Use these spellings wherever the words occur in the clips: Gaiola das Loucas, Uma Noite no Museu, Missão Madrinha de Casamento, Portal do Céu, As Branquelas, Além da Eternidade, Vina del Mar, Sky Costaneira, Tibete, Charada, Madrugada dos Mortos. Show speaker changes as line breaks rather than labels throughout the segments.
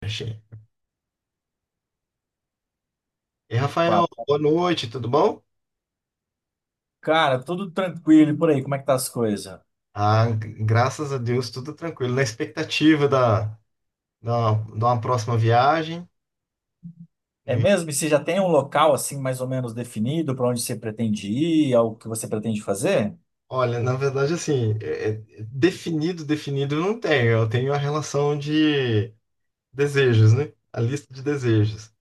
Achei. E Rafael,
Papo.
boa noite, tudo bom?
Cara, tudo tranquilo e por aí, como é que tá as coisas?
Ah, graças a Deus, tudo tranquilo. Na expectativa da uma próxima viagem,
É
né?
mesmo? E você já tem um local assim mais ou menos definido para onde você pretende ir, ao que você pretende fazer?
Olha, na verdade, assim, definido, definido eu não tenho. Eu tenho a relação de desejos, né? A lista de desejos,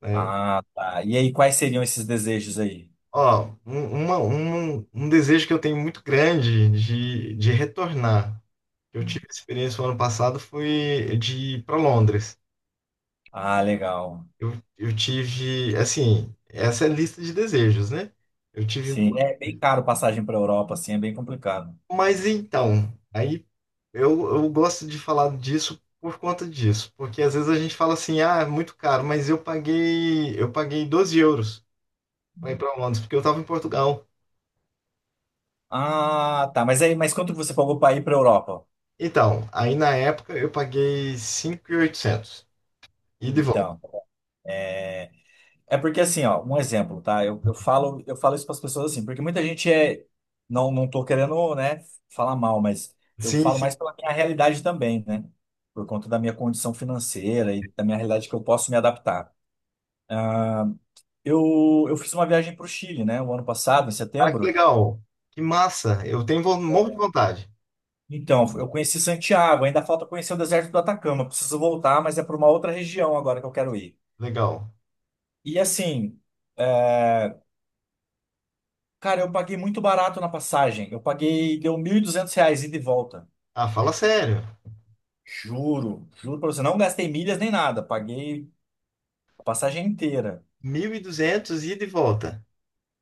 né?
Ah, tá. E aí, quais seriam esses desejos aí?
Ó, um desejo que eu tenho muito grande de retornar. Eu tive experiência no ano passado, foi de ir para Londres.
Ah, legal.
Eu, eu tive, assim, essa é a lista de desejos, né? Eu tive um
Sim,
pouco,
é bem caro passagem para Europa, assim, é bem complicado.
mas então, aí eu gosto de falar disso por conta disso, porque às vezes a gente fala assim, ah, é muito caro, mas eu paguei 12 euros para ir para Londres, porque eu estava em Portugal.
Ah, tá. Mas aí, mas quanto você pagou para ir para Europa?
Então, aí na época eu paguei 5.800 e oitocentos ida e volta.
Então. É, é porque assim, ó, um exemplo, tá? Eu falo isso para as pessoas assim, porque muita gente não, não tô querendo, né, falar mal, mas eu
Sim,
falo
sim.
mais pela minha realidade também, né? Por conta da minha condição financeira e da minha realidade que eu posso me adaptar. Eu fiz uma viagem para o Chile, né, o ano passado, em
Ah, que
setembro.
legal. Que massa. Eu tenho morro de vontade.
Então, eu conheci Santiago, ainda falta conhecer o deserto do Atacama. Preciso voltar, mas é para uma outra região agora que eu quero ir.
Legal.
E assim, é, cara, eu paguei muito barato na passagem. Eu paguei, deu 1.200 reais ida e volta.
Ah, fala sério.
Juro, juro pra você, não gastei milhas nem nada, paguei a passagem inteira
1.200 ida e volta.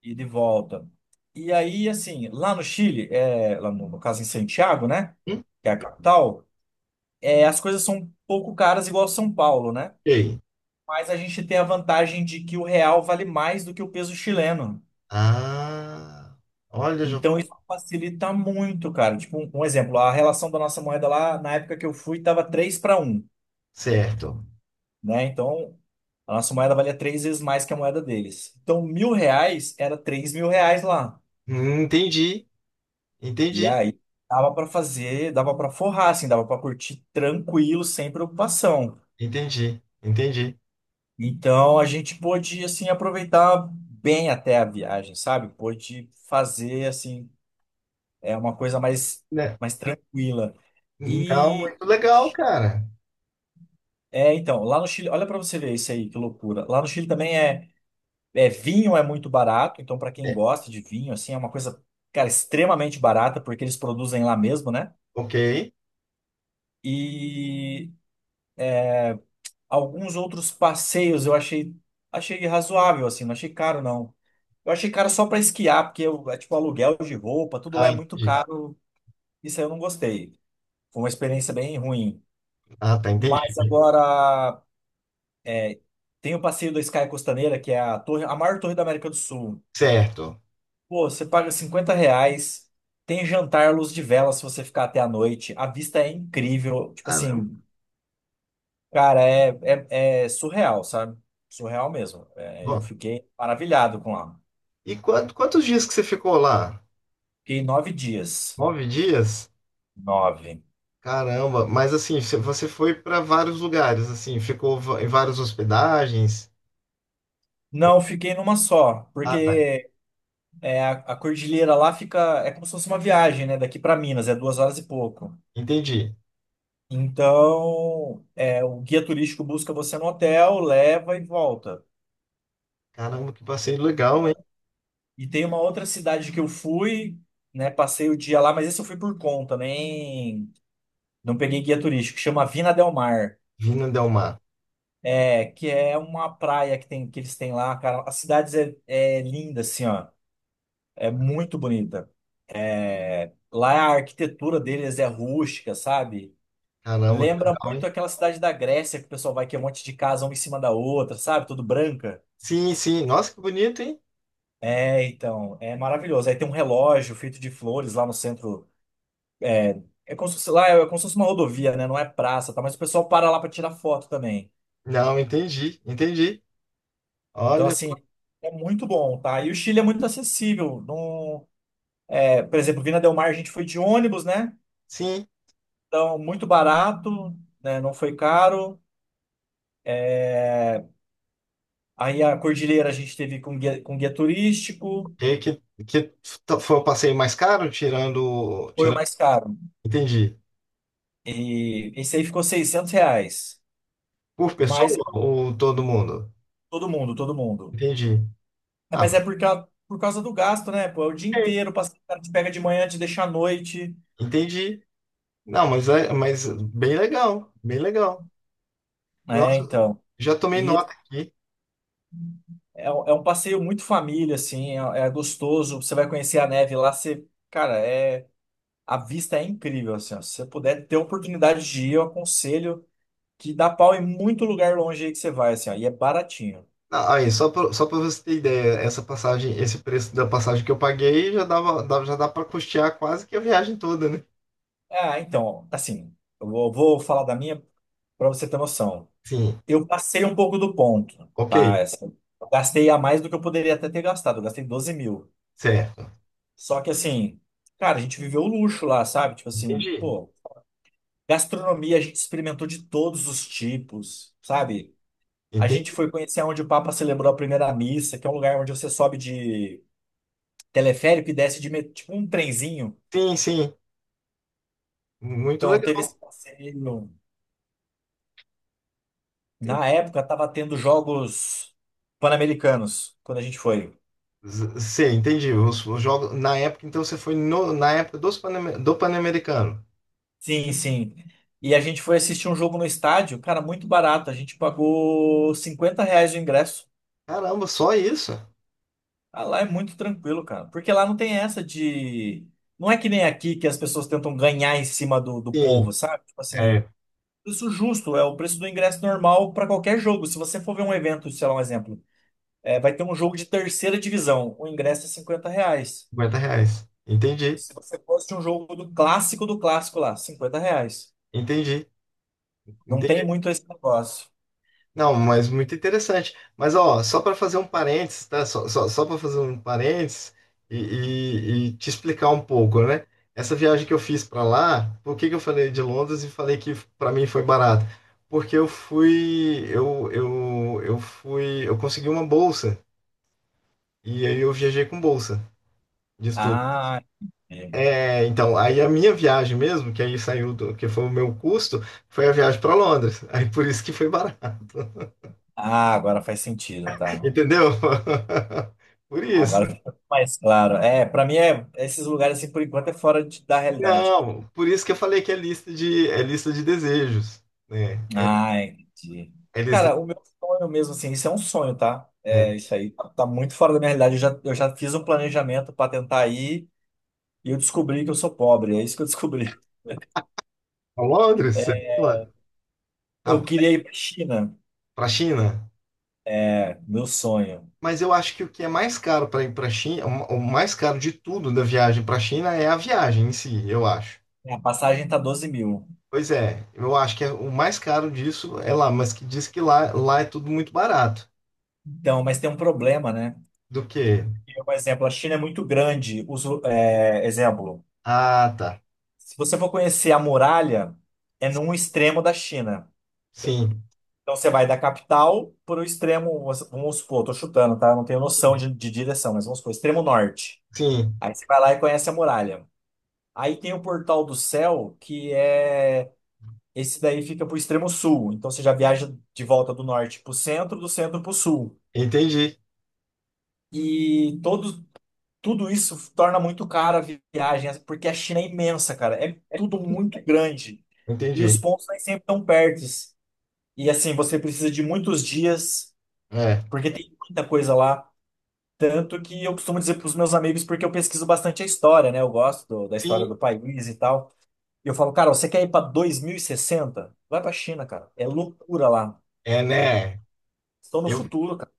e de volta. E aí, assim, lá no Chile, é, lá no caso em Santiago, né,
Hum?
que é a capital, é, as coisas são um pouco caras igual São Paulo, né?
E aí?
Mas a gente tem a vantagem de que o real vale mais do que o peso chileno.
Ah, olha, já vou.
Então isso facilita muito, cara. Tipo, um exemplo, a relação da nossa moeda lá, na época que eu fui, tava 3 para 1,
Certo.
né? Então, a nossa moeda valia 3 vezes mais que a moeda deles. Então, 1.000 reais era 3.000 reais lá.
Entendi,
E
entendi,
aí, dava para fazer, dava para forrar, assim, dava para curtir tranquilo, sem preocupação.
entendi, entendi.
Então, a gente pôde, assim, aproveitar bem até a viagem, sabe? Pôde fazer, assim, é uma coisa mais,
Né?
mais tranquila.
Não,
E...
muito legal, cara.
é, então, lá no Chile, olha para você ver isso aí, que loucura. Lá no Chile também é é, vinho é muito barato, então para quem
É,
gosta de vinho, assim, é uma coisa, cara, extremamente barata, porque eles produzem lá mesmo, né?
ok.
E alguns outros passeios achei razoável, assim, não achei caro, não. Eu achei caro só para esquiar, porque é tipo aluguel de roupa, tudo lá
Ah,
é muito
entendi.
caro, isso aí eu não gostei. Foi uma experiência bem ruim.
Ah, tá, entendi.
Mas agora tem o passeio da Sky Costaneira, que é a torre, a maior torre da América do Sul.
Certo.
Pô, você paga 50 reais, tem jantar à luz de vela se você ficar até a noite. A vista é incrível. Tipo
Caramba.
assim, cara, é surreal, sabe? Surreal mesmo. É, eu
Bom,
fiquei maravilhado com lá.
e quantos dias que você ficou lá?
Fiquei 9 dias.
9 dias?
Nove.
Caramba, mas assim, você foi para vários lugares, assim, ficou em várias hospedagens?
Não, fiquei numa só,
Ah, tá,
porque é, a cordilheira lá fica. É como se fosse uma viagem, né? Daqui para Minas, é 2 horas e pouco.
entendi.
Então, é, o guia turístico busca você no hotel, leva e volta.
Caramba, que passeio legal, hein?
E tem uma outra cidade que eu fui, né? Passei o dia lá, mas esse eu fui por conta, nem não peguei guia turístico, chama Vina del Mar.
Vindo Del Mar.
É, que é uma praia que tem que eles têm lá, cara. As cidades é, é linda, assim, ó. É muito bonita. É, lá a arquitetura deles é rústica, sabe?
Caramba, que
Lembra
legal,
muito
hein?
aquela cidade da Grécia que o pessoal vai que é um monte de casa uma em cima da outra, sabe? Tudo branca.
Sim, sim. Nossa, que bonito, hein?
É, então, é maravilhoso. Aí tem um relógio feito de flores lá no centro. É, é como se fosse, lá é como se fosse uma rodovia, né? Não é praça, tá? Mas o pessoal para lá para tirar foto também.
Não, entendi, entendi.
Então,
Olha,
assim, é muito bom, tá? E o Chile é muito acessível. Não, é, por exemplo, Vina del Mar a gente foi de ônibus, né?
sim.
Então, muito barato, né? Não foi caro. Aí a Cordilheira a gente teve com guia turístico,
E que foi o passeio mais caro, tirando,
foi o
tirando.
mais caro.
Entendi.
E esse aí ficou 600 reais.
Por
Mas é
pessoa ou todo mundo?
todo mundo, todo mundo.
Entendi.
É,
Ah,
mas
mas
é por, por causa do gasto, né? Pô, é o dia
ok.
inteiro, o cara te pega de manhã, te deixa à noite.
Entendi. Não, mas bem legal, bem legal.
É,
Nossa,
então.
já tomei
E
nota aqui.
é um passeio muito família, assim, é, é gostoso. Você vai conhecer a neve lá, você, cara, é a vista é incrível, assim, ó. Se você puder ter a oportunidade de ir, eu aconselho que dá pau em muito lugar longe aí que você vai, assim, ó, e é baratinho.
Ah, aí, só para você ter ideia, essa passagem, esse preço da passagem que eu paguei já já dá para custear quase que a viagem toda, né?
Ah, então, assim, eu vou falar da minha para você ter noção.
Sim,
Eu passei um pouco do ponto,
ok,
tá? Assim, eu gastei a mais do que eu poderia até ter gastado, eu gastei 12 mil.
certo.
Só que assim, cara, a gente viveu o luxo lá, sabe? Tipo assim,
Entendi.
pô. Gastronomia, a gente experimentou de todos os tipos, sabe? A gente
Entendi.
foi conhecer onde o Papa celebrou a primeira missa, que é um lugar onde você sobe de teleférico e desce de tipo um trenzinho.
Sim, sim. Muito
Então
legal.
teve esse passeio. Na época tava tendo jogos pan-americanos quando a gente foi.
Sim, entendi. Os jogos na época, então você foi na época dos do Pan-Americano.
Sim, sim. E a gente foi assistir um jogo no estádio, cara, muito barato. A gente pagou 50 reais o ingresso.
Caramba, só isso?
Ah, lá é muito tranquilo, cara. Porque lá não tem essa de. Não é que nem aqui que as pessoas tentam ganhar em cima do
Sim,
povo, sabe? Tipo assim,
é,
preço justo é o preço do ingresso normal para qualquer jogo. Se você for ver um evento, sei lá, um exemplo, é, vai ter um jogo de terceira divisão, o ingresso é 50 reais.
R$ 50. Entendi,
Se você fosse um jogo do clássico lá, 50 reais.
entendi.
Não tem muito esse negócio.
Não, mas muito interessante. Mas ó, só para fazer um parênteses, tá? Só para fazer um parênteses e te explicar um pouco, né? Essa viagem que eu fiz para lá, por que que eu falei de Londres e falei que para mim foi barato? Porque eu fui, eu consegui uma bolsa e aí eu viajei com bolsa de estudo.
Ah, é.
É, então, aí a minha viagem mesmo, que aí saiu do, que foi o meu custo, foi a viagem para Londres. Aí por isso que foi barato,
Ah, agora faz sentido, tá?
entendeu? Por isso.
Agora ficou mais claro. É, pra mim é esses lugares assim por enquanto é da realidade.
Não, por isso que eu falei que é lista de desejos, né? É,
Ah, entendi.
é lista de.
Cara, o meu sonho mesmo assim, isso é um sonho, tá?
É,
É, isso aí tá muito fora da minha realidade. Eu já fiz um planejamento pra tentar ir e eu descobri que eu sou pobre. É isso que eu descobri.
pra Londres, você
É,
fala? a-
eu queria ir pra China.
Pra China.
É, meu sonho.
Mas eu acho que o que é mais caro para ir para China, o mais caro de tudo da viagem para a China é a viagem em si, eu acho.
A passagem tá 12 mil.
Pois é, eu acho que é, o mais caro disso é lá, mas que diz que lá, é tudo muito barato.
Então, mas tem um problema, né?
Do que?
Por exemplo, a China é muito grande. Os, é, exemplo.
Ah, tá.
Se você for conhecer a muralha, é num extremo da China.
Sim,
Então você vai da capital para o extremo, vamos supor, tô chutando, tá? Não tenho noção de direção, mas vamos supor, extremo norte.
sim,
Aí você vai lá e conhece a muralha. Aí tem o Portal do Céu, que é. Esse daí fica pro extremo sul. Então você já viaja de volta do norte pro centro, do centro pro sul.
entendi,
E tudo isso torna muito cara a viagem, porque a China é imensa, cara. É tudo muito grande. E os
entendi.
pontos aí sempre estão perto. E assim, você precisa de muitos dias,
É,
porque tem muita coisa lá. Tanto que eu costumo dizer para os meus amigos, porque eu pesquiso bastante a história, né? Eu gosto da história
sim,
do país e tal. E eu falo, cara, você quer ir para 2060? Vai para a China, cara. É loucura lá.
é, né?
Estão no
Eu,
futuro, cara.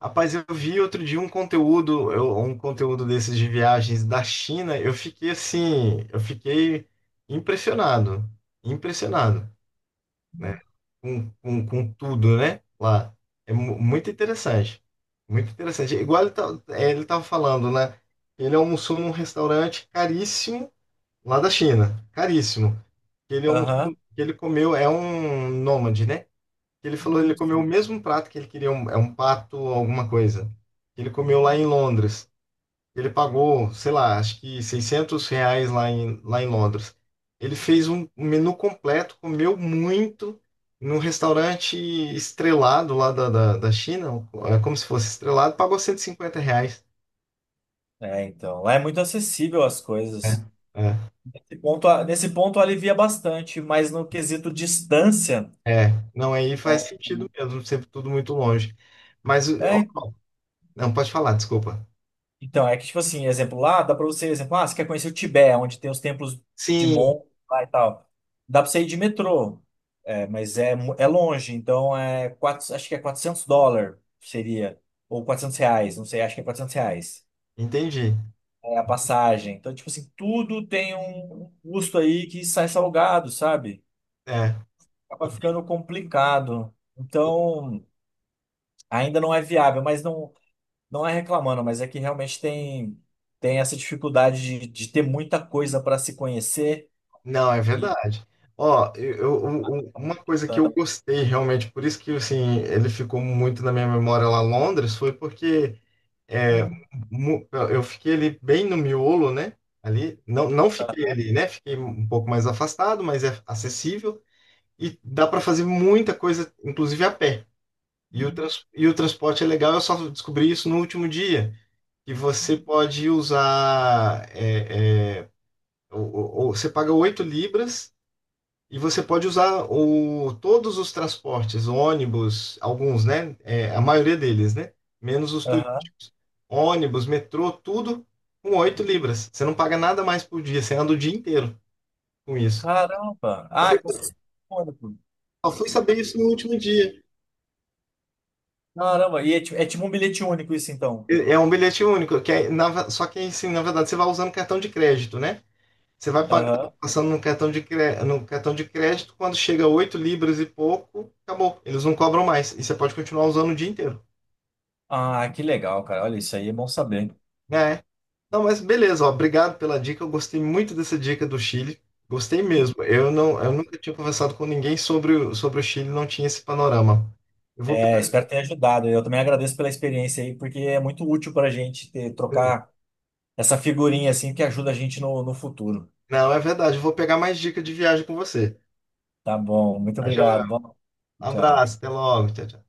rapaz, eu vi outro dia um conteúdo, um conteúdo desses de viagens da China, eu fiquei assim, eu fiquei impressionado, impressionado, né? Com tudo, né? Lá. É muito interessante, muito interessante. É igual ele tá, é, ele tava falando, né? Ele almoçou num restaurante caríssimo lá da China, caríssimo. Ele almoçou,
Aham.
ele comeu, é um nômade, né? Ele falou, ele comeu o mesmo prato que ele queria, um, é um pato alguma coisa. Ele comeu lá em Londres. Ele pagou, sei lá, acho que R$ 600 lá em Londres. Ele fez um menu completo, comeu muito num restaurante estrelado lá da China, é como se fosse estrelado, pagou R$ 150.
É, então. Lá é muito acessível as coisas.
É.
Nesse ponto alivia bastante, mas no quesito distância.
É, é, não, aí faz
Né?
sentido mesmo, sempre tudo muito longe. Mas, ó,
É,
não, pode falar, desculpa.
então, é que, tipo assim, exemplo, lá dá pra você, exemplo, ah, você quer conhecer o Tibete, onde tem os templos de
Sim,
Mon lá e tal. Dá pra você ir de metrô, é, mas é, é longe, então é acho que é 400 dólares seria, ou 400 reais, não sei, acho que é 400 reais.
entendi.
É a passagem. Então, tipo assim, tudo tem um custo aí que sai salgado, sabe?
É.
Acaba ficando complicado. Então, ainda não é viável, mas não. Não é reclamando, mas é que realmente tem essa dificuldade de ter muita coisa para se conhecer.
Não, é
E,
verdade. Ó, uma coisa que eu gostei realmente, por isso que assim, ele ficou muito na minha memória lá em Londres, foi porque é, eu fiquei ali bem no miolo, né? Ali, não, não fiquei ali, né? Fiquei um pouco mais afastado, mas é acessível e dá para fazer muita coisa, inclusive a pé. E e o transporte é legal, eu só descobri isso no último dia, que você pode usar, o- você paga 8 libras e você pode usar todos os transportes, ônibus, alguns, né? É, a maioria deles, né? Menos os
aham.
turísticos. Ônibus, metrô, tudo com 8 libras. Você não paga nada mais por dia, você anda o dia inteiro com isso.
Caramba! Ah, é como se fosse um único.
Só fui saber isso no último dia.
Caramba! E é, é tipo um bilhete único isso, então.
É um bilhete único, que é, só que assim, na verdade, você vai usando cartão de crédito, né? Você vai pagando,
Aham.
passando no cartão de crédito, quando chega 8 libras e pouco, acabou. Eles não cobram mais. E você pode continuar usando o dia inteiro.
Ah, que legal, cara. Olha, isso aí é bom saber.
Né? Não, mas beleza, ó, obrigado pela dica. Eu gostei muito dessa dica do Chile. Gostei mesmo. Eu nunca tinha conversado com ninguém sobre o Chile, não tinha esse panorama. Eu vou
É,
pegar...
espero ter ajudado. Eu também agradeço pela experiência aí, porque é muito útil para a gente ter, trocar essa figurinha assim que ajuda a gente no, no futuro.
Não, é verdade, eu vou pegar mais dica de viagem com você.
Tá bom, muito
Tá joia?
obrigado. Bom, tchau.
Abraço, até logo. Tchau, tchau.